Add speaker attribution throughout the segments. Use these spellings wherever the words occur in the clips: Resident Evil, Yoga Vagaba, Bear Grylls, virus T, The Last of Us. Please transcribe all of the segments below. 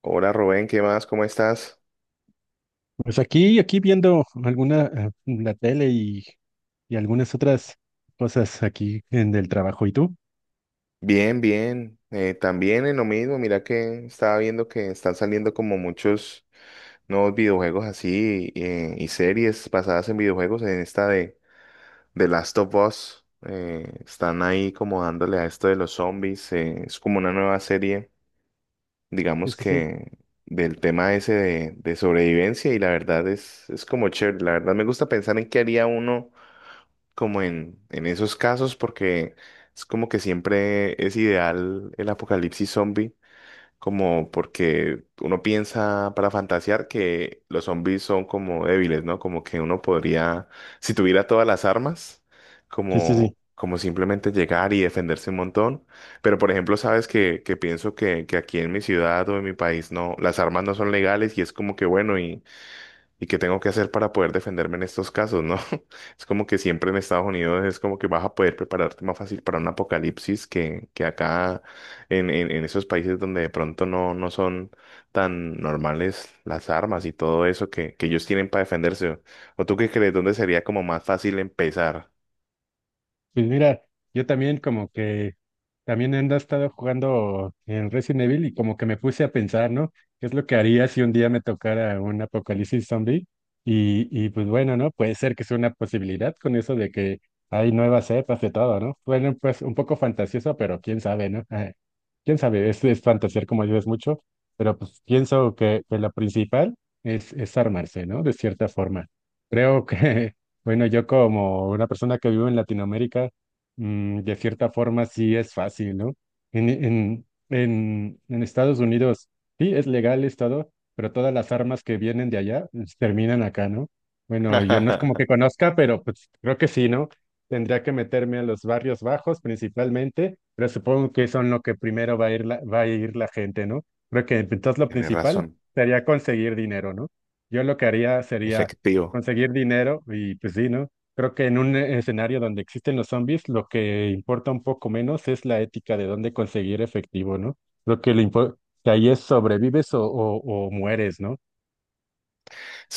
Speaker 1: Hola Rubén, ¿qué más? ¿Cómo estás?
Speaker 2: Pues aquí viendo alguna, la tele y algunas otras cosas aquí en el trabajo. ¿Y tú?
Speaker 1: Bien, bien. También en lo mismo, mira que estaba viendo que están saliendo como muchos nuevos videojuegos así y series basadas en videojuegos. En esta de The Last of Us, están ahí como dándole a esto de los zombies. Es como una nueva serie,
Speaker 2: Sí,
Speaker 1: digamos
Speaker 2: sí, sí.
Speaker 1: que del tema ese de sobrevivencia y la verdad es como chévere. La verdad me gusta pensar en qué haría uno como en esos casos porque es como que siempre es ideal el apocalipsis zombie, como porque uno piensa para fantasear que los zombies son como débiles, ¿no? Como que uno podría, si tuviera todas las armas,
Speaker 2: Sí, sí, sí.
Speaker 1: como simplemente llegar y defenderse un montón. Pero por ejemplo, sabes que pienso que aquí en mi ciudad o en mi país no, las armas no son legales y es como que bueno y ¿y qué tengo que hacer para poder defenderme en estos casos, no? Es como que siempre en Estados Unidos es como que vas a poder prepararte más fácil para un apocalipsis que acá en esos países donde de pronto no, no son tan normales las armas y todo eso que ellos tienen para defenderse. ¿O tú qué crees? ¿Dónde sería como más fácil empezar?
Speaker 2: Pues mira, yo también como que también ando estado jugando en Resident Evil y como que me puse a pensar, ¿no? ¿Qué es lo que haría si un día me tocara un apocalipsis zombie? Y pues bueno, ¿no? Puede ser que sea una posibilidad con eso de que hay nuevas cepas de todo, ¿no? Bueno, pues un poco fantasioso, pero quién sabe, ¿no? Quién sabe, es fantasear como dices mucho, pero pues pienso que lo principal es armarse, ¿no? De cierta forma. Creo que Bueno, yo como una persona que vivo en Latinoamérica, de cierta forma sí es fácil, ¿no? En Estados Unidos sí es legal es todo, pero todas las armas que vienen de allá pues, terminan acá, ¿no? Bueno, yo no es como que conozca, pero pues creo que sí, ¿no? Tendría que meterme a los barrios bajos principalmente, pero supongo que son lo que primero va a ir va a ir la gente, ¿no? Creo que pues, entonces lo
Speaker 1: Tienes
Speaker 2: principal
Speaker 1: razón,
Speaker 2: sería conseguir dinero, ¿no? Yo lo que haría sería
Speaker 1: efectivo.
Speaker 2: conseguir dinero y pues sí, ¿no? Creo que en un escenario donde existen los zombies, lo que importa un poco menos es la ética de dónde conseguir efectivo, ¿no? Lo que le importa, que ahí es sobrevives o mueres, ¿no?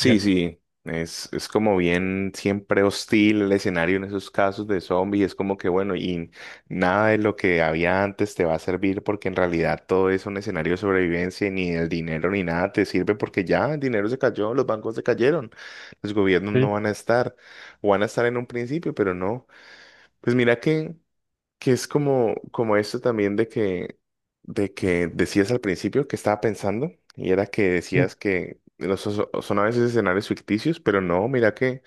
Speaker 2: Ya,
Speaker 1: sí, es como bien siempre hostil el escenario en esos casos de zombies, es como que bueno, y nada de lo que había antes te va a servir porque en realidad todo es un escenario de sobrevivencia y ni el dinero ni nada te sirve porque ya el dinero se cayó, los bancos se cayeron, los gobiernos
Speaker 2: sí,
Speaker 1: no van a estar, o van a estar en un principio, pero no. Pues mira que es como, como esto también de que decías al principio que estaba pensando, y era que
Speaker 2: sí,
Speaker 1: decías que los, son a veces escenarios ficticios, pero no, mira que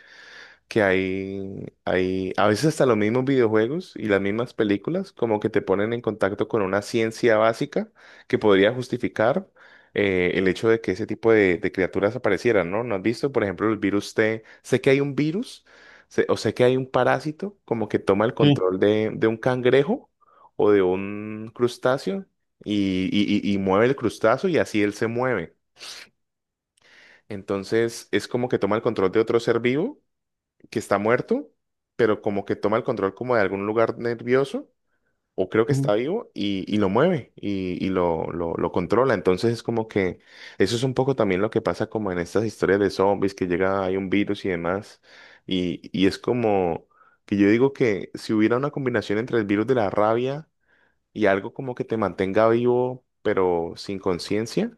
Speaker 1: que hay, hay a veces hasta los mismos videojuegos y las mismas películas como que te ponen en contacto con una ciencia básica que podría justificar el hecho de que ese tipo de criaturas aparecieran, ¿no? ¿No has visto, por ejemplo, el virus T? Sé que hay un virus o sé que hay un parásito como que toma el
Speaker 2: sí,
Speaker 1: control de un cangrejo o de un crustáceo y, y mueve el crustáceo y así él se mueve. Entonces es como que toma el control de otro ser vivo que está muerto, pero como que toma el control como de algún lugar nervioso, o creo que está
Speaker 2: ujú,
Speaker 1: vivo, y lo mueve y, y lo controla. Entonces es como que eso es un poco también lo que pasa como en estas historias de zombies, que llega, hay un virus y demás, y es como que yo digo que si hubiera una combinación entre el virus de la rabia y algo como que te mantenga vivo, pero sin conciencia,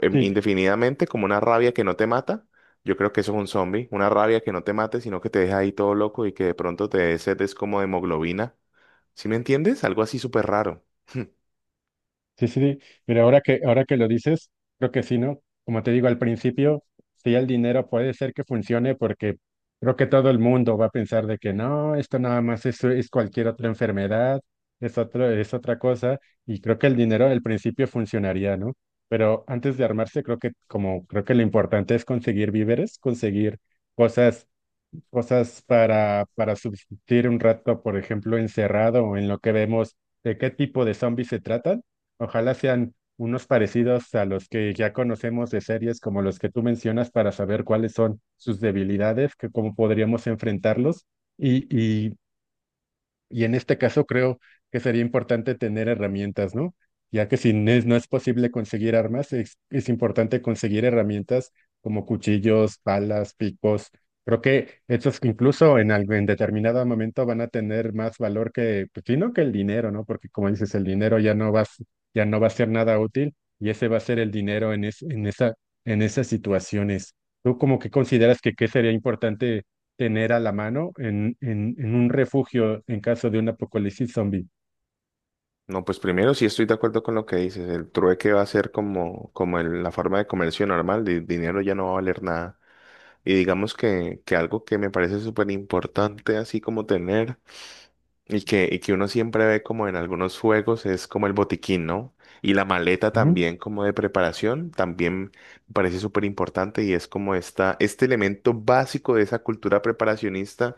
Speaker 2: sí.
Speaker 1: indefinidamente como una rabia que no te mata. Yo creo que eso es un zombie, una rabia que no te mate, sino que te deja ahí todo loco y que de pronto te dé sed, es como de hemoglobina. ¿Sí me entiendes? Algo así súper raro.
Speaker 2: Sí, sí, sí. Mira, ahora que lo dices, creo que sí, ¿no? Como te digo al principio, sí, el dinero puede ser que funcione porque creo que todo el mundo va a pensar de que no, esto nada más es cualquier otra enfermedad, es otra cosa, y creo que el dinero al principio funcionaría, ¿no? Pero antes de armarse, creo que lo importante es conseguir víveres, conseguir cosas cosas para subsistir un rato, por ejemplo, encerrado o en lo que vemos de qué tipo de zombies se tratan. Ojalá sean unos parecidos a los que ya conocemos de series como los que tú mencionas para saber cuáles son sus debilidades, que cómo podríamos enfrentarlos y, y y en este caso creo que sería importante tener herramientas, ¿no? Ya que si no es posible conseguir armas, es importante conseguir herramientas como cuchillos, balas, picos. Creo que estos incluso en determinado momento van a tener más valor que, pues, sí, no que el dinero, ¿no? Porque como dices, el dinero ya no ya no va a ser nada útil y ese va a ser el dinero en en esas situaciones. ¿Tú como que consideras que qué sería importante tener a la mano en, en un refugio en caso de un apocalipsis zombie?
Speaker 1: No, pues primero sí estoy de acuerdo con lo que dices. El trueque va a ser como, como la forma de comercio normal. El dinero ya no va a valer nada. Y digamos que algo que me parece súper importante, así como tener. Y que uno siempre ve como en algunos juegos es como el botiquín, ¿no? Y la maleta
Speaker 2: Ujú.
Speaker 1: también como de preparación, también me parece súper importante y es como esta, este elemento básico de esa cultura preparacionista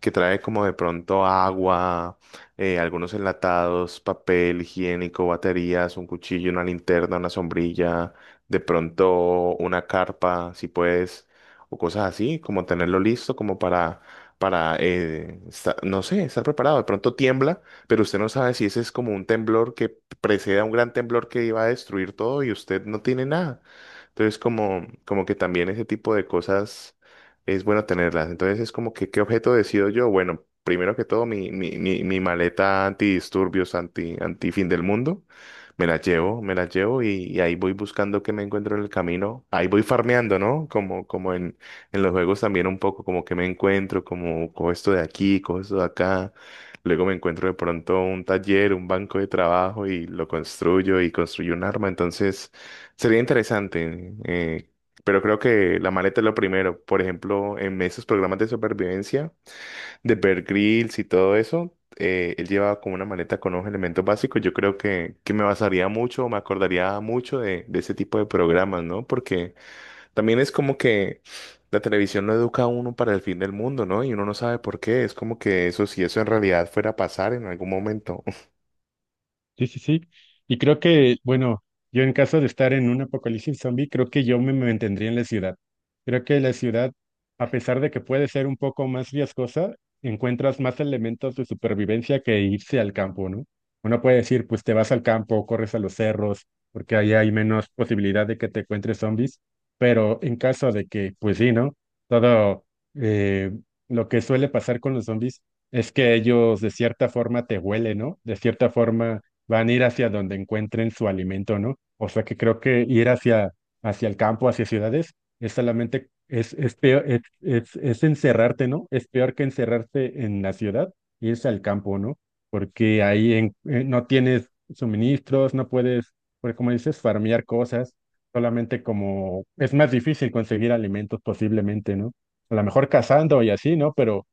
Speaker 1: que trae como de pronto agua, algunos enlatados, papel higiénico, baterías, un cuchillo, una linterna, una sombrilla, de pronto una carpa, si puedes, o cosas así, como tenerlo listo como para no sé, estar preparado. De pronto tiembla, pero usted no sabe si ese es como un temblor que precede a un gran temblor que iba a destruir todo y usted no tiene nada. Entonces, como, como que también ese tipo de cosas es bueno tenerlas. Entonces es como que, ¿qué objeto decido yo? Bueno, primero que todo, mi maleta antidisturbios, anti fin del mundo. Me la llevo y ahí voy buscando qué me encuentro en el camino. Ahí voy farmeando, ¿no? Como, como en los juegos también un poco, como que me encuentro, como cojo esto de aquí, cojo esto de acá. Luego me encuentro de pronto un taller, un banco de trabajo y lo construyo y construyo un arma. Entonces, sería interesante. Pero creo que la maleta es lo primero. Por ejemplo, en esos programas de supervivencia de Bear Grylls y todo eso, él llevaba como una maleta con unos elementos básicos. Yo creo que me basaría mucho, me acordaría mucho de ese tipo de programas, ¿no? Porque también es como que la televisión lo educa a uno para el fin del mundo, ¿no? Y uno no sabe por qué. Es como que eso, si eso en realidad fuera a pasar en algún momento.
Speaker 2: Sí, sí, sí. Y creo que, bueno, yo en caso de estar en un apocalipsis zombie, creo que yo me mantendría en la ciudad. Creo que la ciudad, a pesar de que puede ser un poco más riesgosa, encuentras más elementos de supervivencia que irse al campo, ¿no? Uno puede decir, pues te vas al campo, corres a los cerros, porque ahí hay menos posibilidad de que te encuentres zombies, pero en caso de que, pues sí, ¿no? Todo eh, lo que suele pasar con los zombies es que ellos de cierta forma te huelen, ¿no? De cierta forma van a ir hacia donde encuentren su alimento, ¿no? O sea que creo que ir hacia el campo, hacia ciudades, es solamente, es peor, es encerrarte, ¿no? Es peor que encerrarse en la ciudad, irse al campo, ¿no? Porque no tienes suministros, no puedes, pues como dices, farmear cosas, solamente como, es más difícil conseguir alimentos posiblemente, ¿no? A lo mejor cazando y así, ¿no? Pero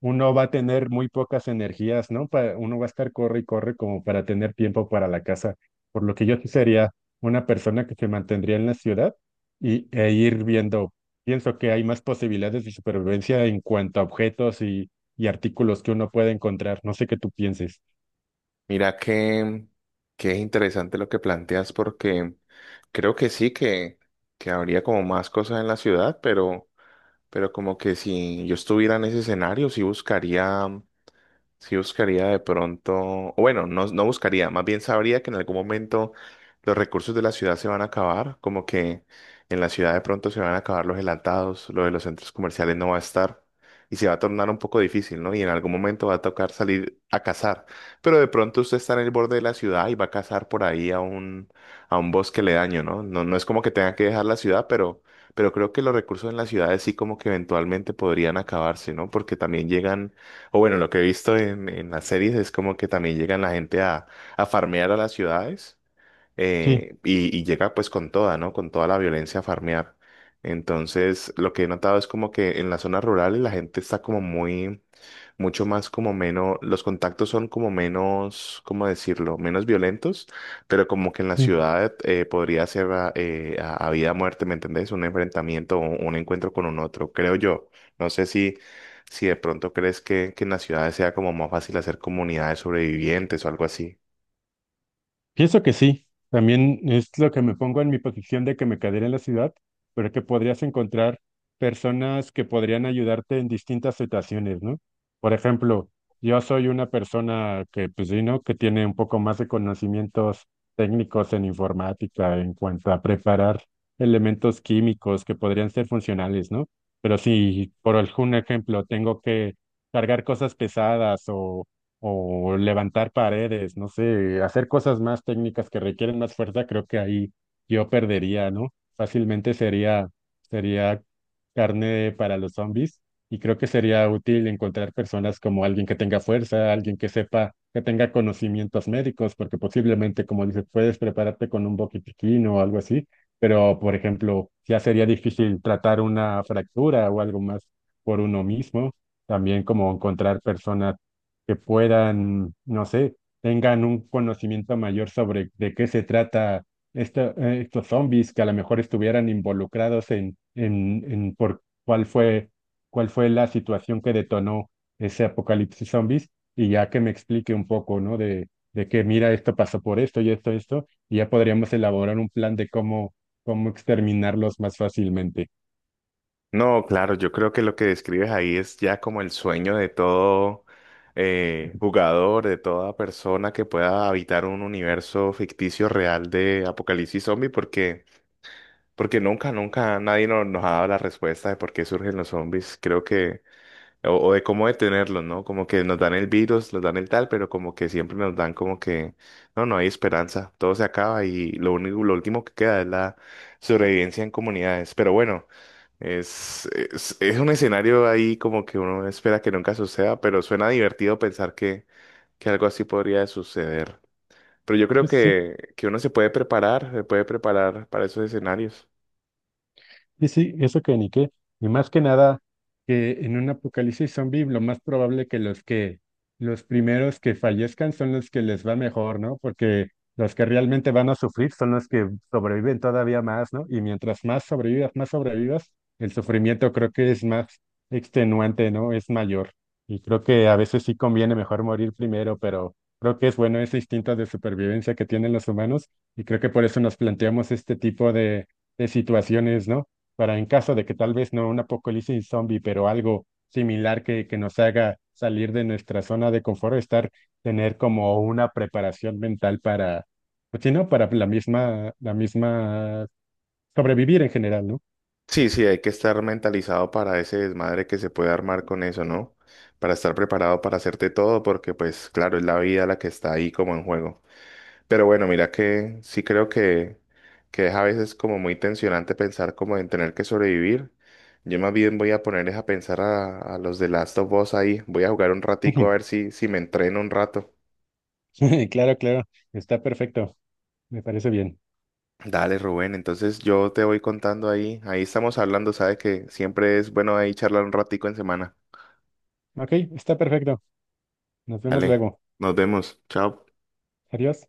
Speaker 2: uno va a tener muy pocas energías, ¿no? Uno va a estar corre y corre como para tener tiempo para la casa. Por lo que yo sí sería una persona que se mantendría en la ciudad y, e ir viendo. Pienso que hay más posibilidades de supervivencia en cuanto a objetos y artículos que uno puede encontrar. No sé qué tú pienses.
Speaker 1: Mira que es interesante lo que planteas porque creo que sí que habría como más cosas en la ciudad, pero como que si yo estuviera en ese escenario, sí buscaría. Sí buscaría de pronto, o bueno, no, no buscaría, más bien sabría que en algún momento los recursos de la ciudad se van a acabar, como que en la ciudad de pronto se van a acabar los enlatados, lo de los centros comerciales no va a estar y se va a tornar un poco difícil, ¿no? Y en algún momento va a tocar salir a cazar, pero de pronto usted está en el borde de la ciudad y va a cazar por ahí a a un bosque ledaño, ¿no? No, no es como que tenga que dejar la ciudad, pero creo que los recursos en las ciudades sí como que eventualmente podrían acabarse, ¿no? Porque también llegan o bueno, lo que he visto en las series es como que también llegan la gente a farmear a las ciudades
Speaker 2: Sí,
Speaker 1: y llega pues con toda, ¿no? Con toda la violencia a farmear. Entonces, lo que he notado es como que en las zonas rurales la gente está como muy, mucho más como menos, los contactos son como menos, ¿cómo decirlo? Menos violentos, pero como que en la
Speaker 2: sí.
Speaker 1: ciudad podría ser a vida o muerte, ¿me entendés? Un enfrentamiento, o un encuentro con un otro, creo yo. No sé si de pronto crees que en las ciudades sea como más fácil hacer comunidades sobrevivientes o algo así.
Speaker 2: Pienso que sí. También es lo que me pongo en mi posición de que me quedaría en la ciudad, pero que podrías encontrar personas que podrían ayudarte en distintas situaciones, ¿no? Por ejemplo, yo soy una persona que, pues sí, ¿no? Que tiene un poco más de conocimientos técnicos en informática en cuanto a preparar elementos químicos que podrían ser funcionales, ¿no? Pero si, por algún ejemplo, tengo que cargar cosas pesadas o levantar paredes, no sé, hacer cosas más técnicas que requieren más fuerza, creo que ahí yo perdería, ¿no? Fácilmente sería carne para los zombies y creo que sería útil encontrar personas como alguien que tenga fuerza, alguien que sepa, que tenga conocimientos médicos, porque posiblemente, como dices, puedes prepararte con un botiquín o algo así, pero, por ejemplo, ya sería difícil tratar una fractura o algo más por uno mismo, también como encontrar personas que puedan, no sé, tengan un conocimiento mayor sobre de qué se trata estos zombies que a lo mejor estuvieran involucrados en por cuál fue la situación que detonó ese apocalipsis zombies, y ya que me explique un poco, ¿no? De que mira, esto pasó por esto y esto, esto, y ya podríamos elaborar un plan de cómo exterminarlos más fácilmente.
Speaker 1: No, claro, yo creo que lo que describes ahí es ya como el sueño de todo jugador, de toda persona que pueda habitar un universo ficticio real de apocalipsis zombie, porque, porque nunca, nunca nadie nos ha dado la respuesta de por qué surgen los zombies, creo que, o de cómo detenerlos, ¿no? Como que nos dan el virus, nos dan el tal, pero como que siempre nos dan como que, no, no hay esperanza, todo se acaba y lo único, lo último que queda es la sobrevivencia en comunidades, pero bueno. Es un escenario ahí como que uno espera que nunca suceda, pero suena divertido pensar que algo así podría suceder. Pero yo creo
Speaker 2: Pues sí.
Speaker 1: que uno se puede preparar para esos escenarios.
Speaker 2: Y sí, eso que ni qué. Y más que nada, que en un apocalipsis zombie lo más probable que los primeros que fallezcan son los que les va mejor, ¿no? Porque los que realmente van a sufrir son los que sobreviven todavía más, ¿no? Y más sobrevivas, el sufrimiento creo que es más extenuante, ¿no? Es mayor. Y creo que a veces sí conviene mejor morir primero, pero creo que es bueno ese instinto de supervivencia que tienen los humanos y creo que por eso nos planteamos este tipo de situaciones, ¿no? Para en caso de que tal vez no un apocalipsis zombie, pero algo similar que nos haga salir de nuestra zona de confort, estar, tener como una preparación mental para, pues sí, ¿no? Para la misma sobrevivir en general, ¿no?
Speaker 1: Sí, sí, hay que estar mentalizado para ese desmadre que se puede armar con eso, ¿no? Para estar preparado para hacerte todo, porque pues claro, es la vida la que está ahí como en juego. Pero bueno, mira que sí creo que es a veces como muy tensionante pensar como en tener que sobrevivir. Yo más bien voy a poner es a pensar a los de Last of Us ahí. Voy a jugar un ratico a
Speaker 2: Ujú.
Speaker 1: ver si me entreno un rato.
Speaker 2: Claro, claro, está perfecto, me parece bien.
Speaker 1: Dale, Rubén. Entonces yo te voy contando ahí. Ahí estamos hablando. Sabes que siempre es bueno ahí charlar un ratico en semana.
Speaker 2: Ok, está perfecto, nos vemos
Speaker 1: Dale,
Speaker 2: luego.
Speaker 1: nos vemos. Chao.
Speaker 2: Adiós.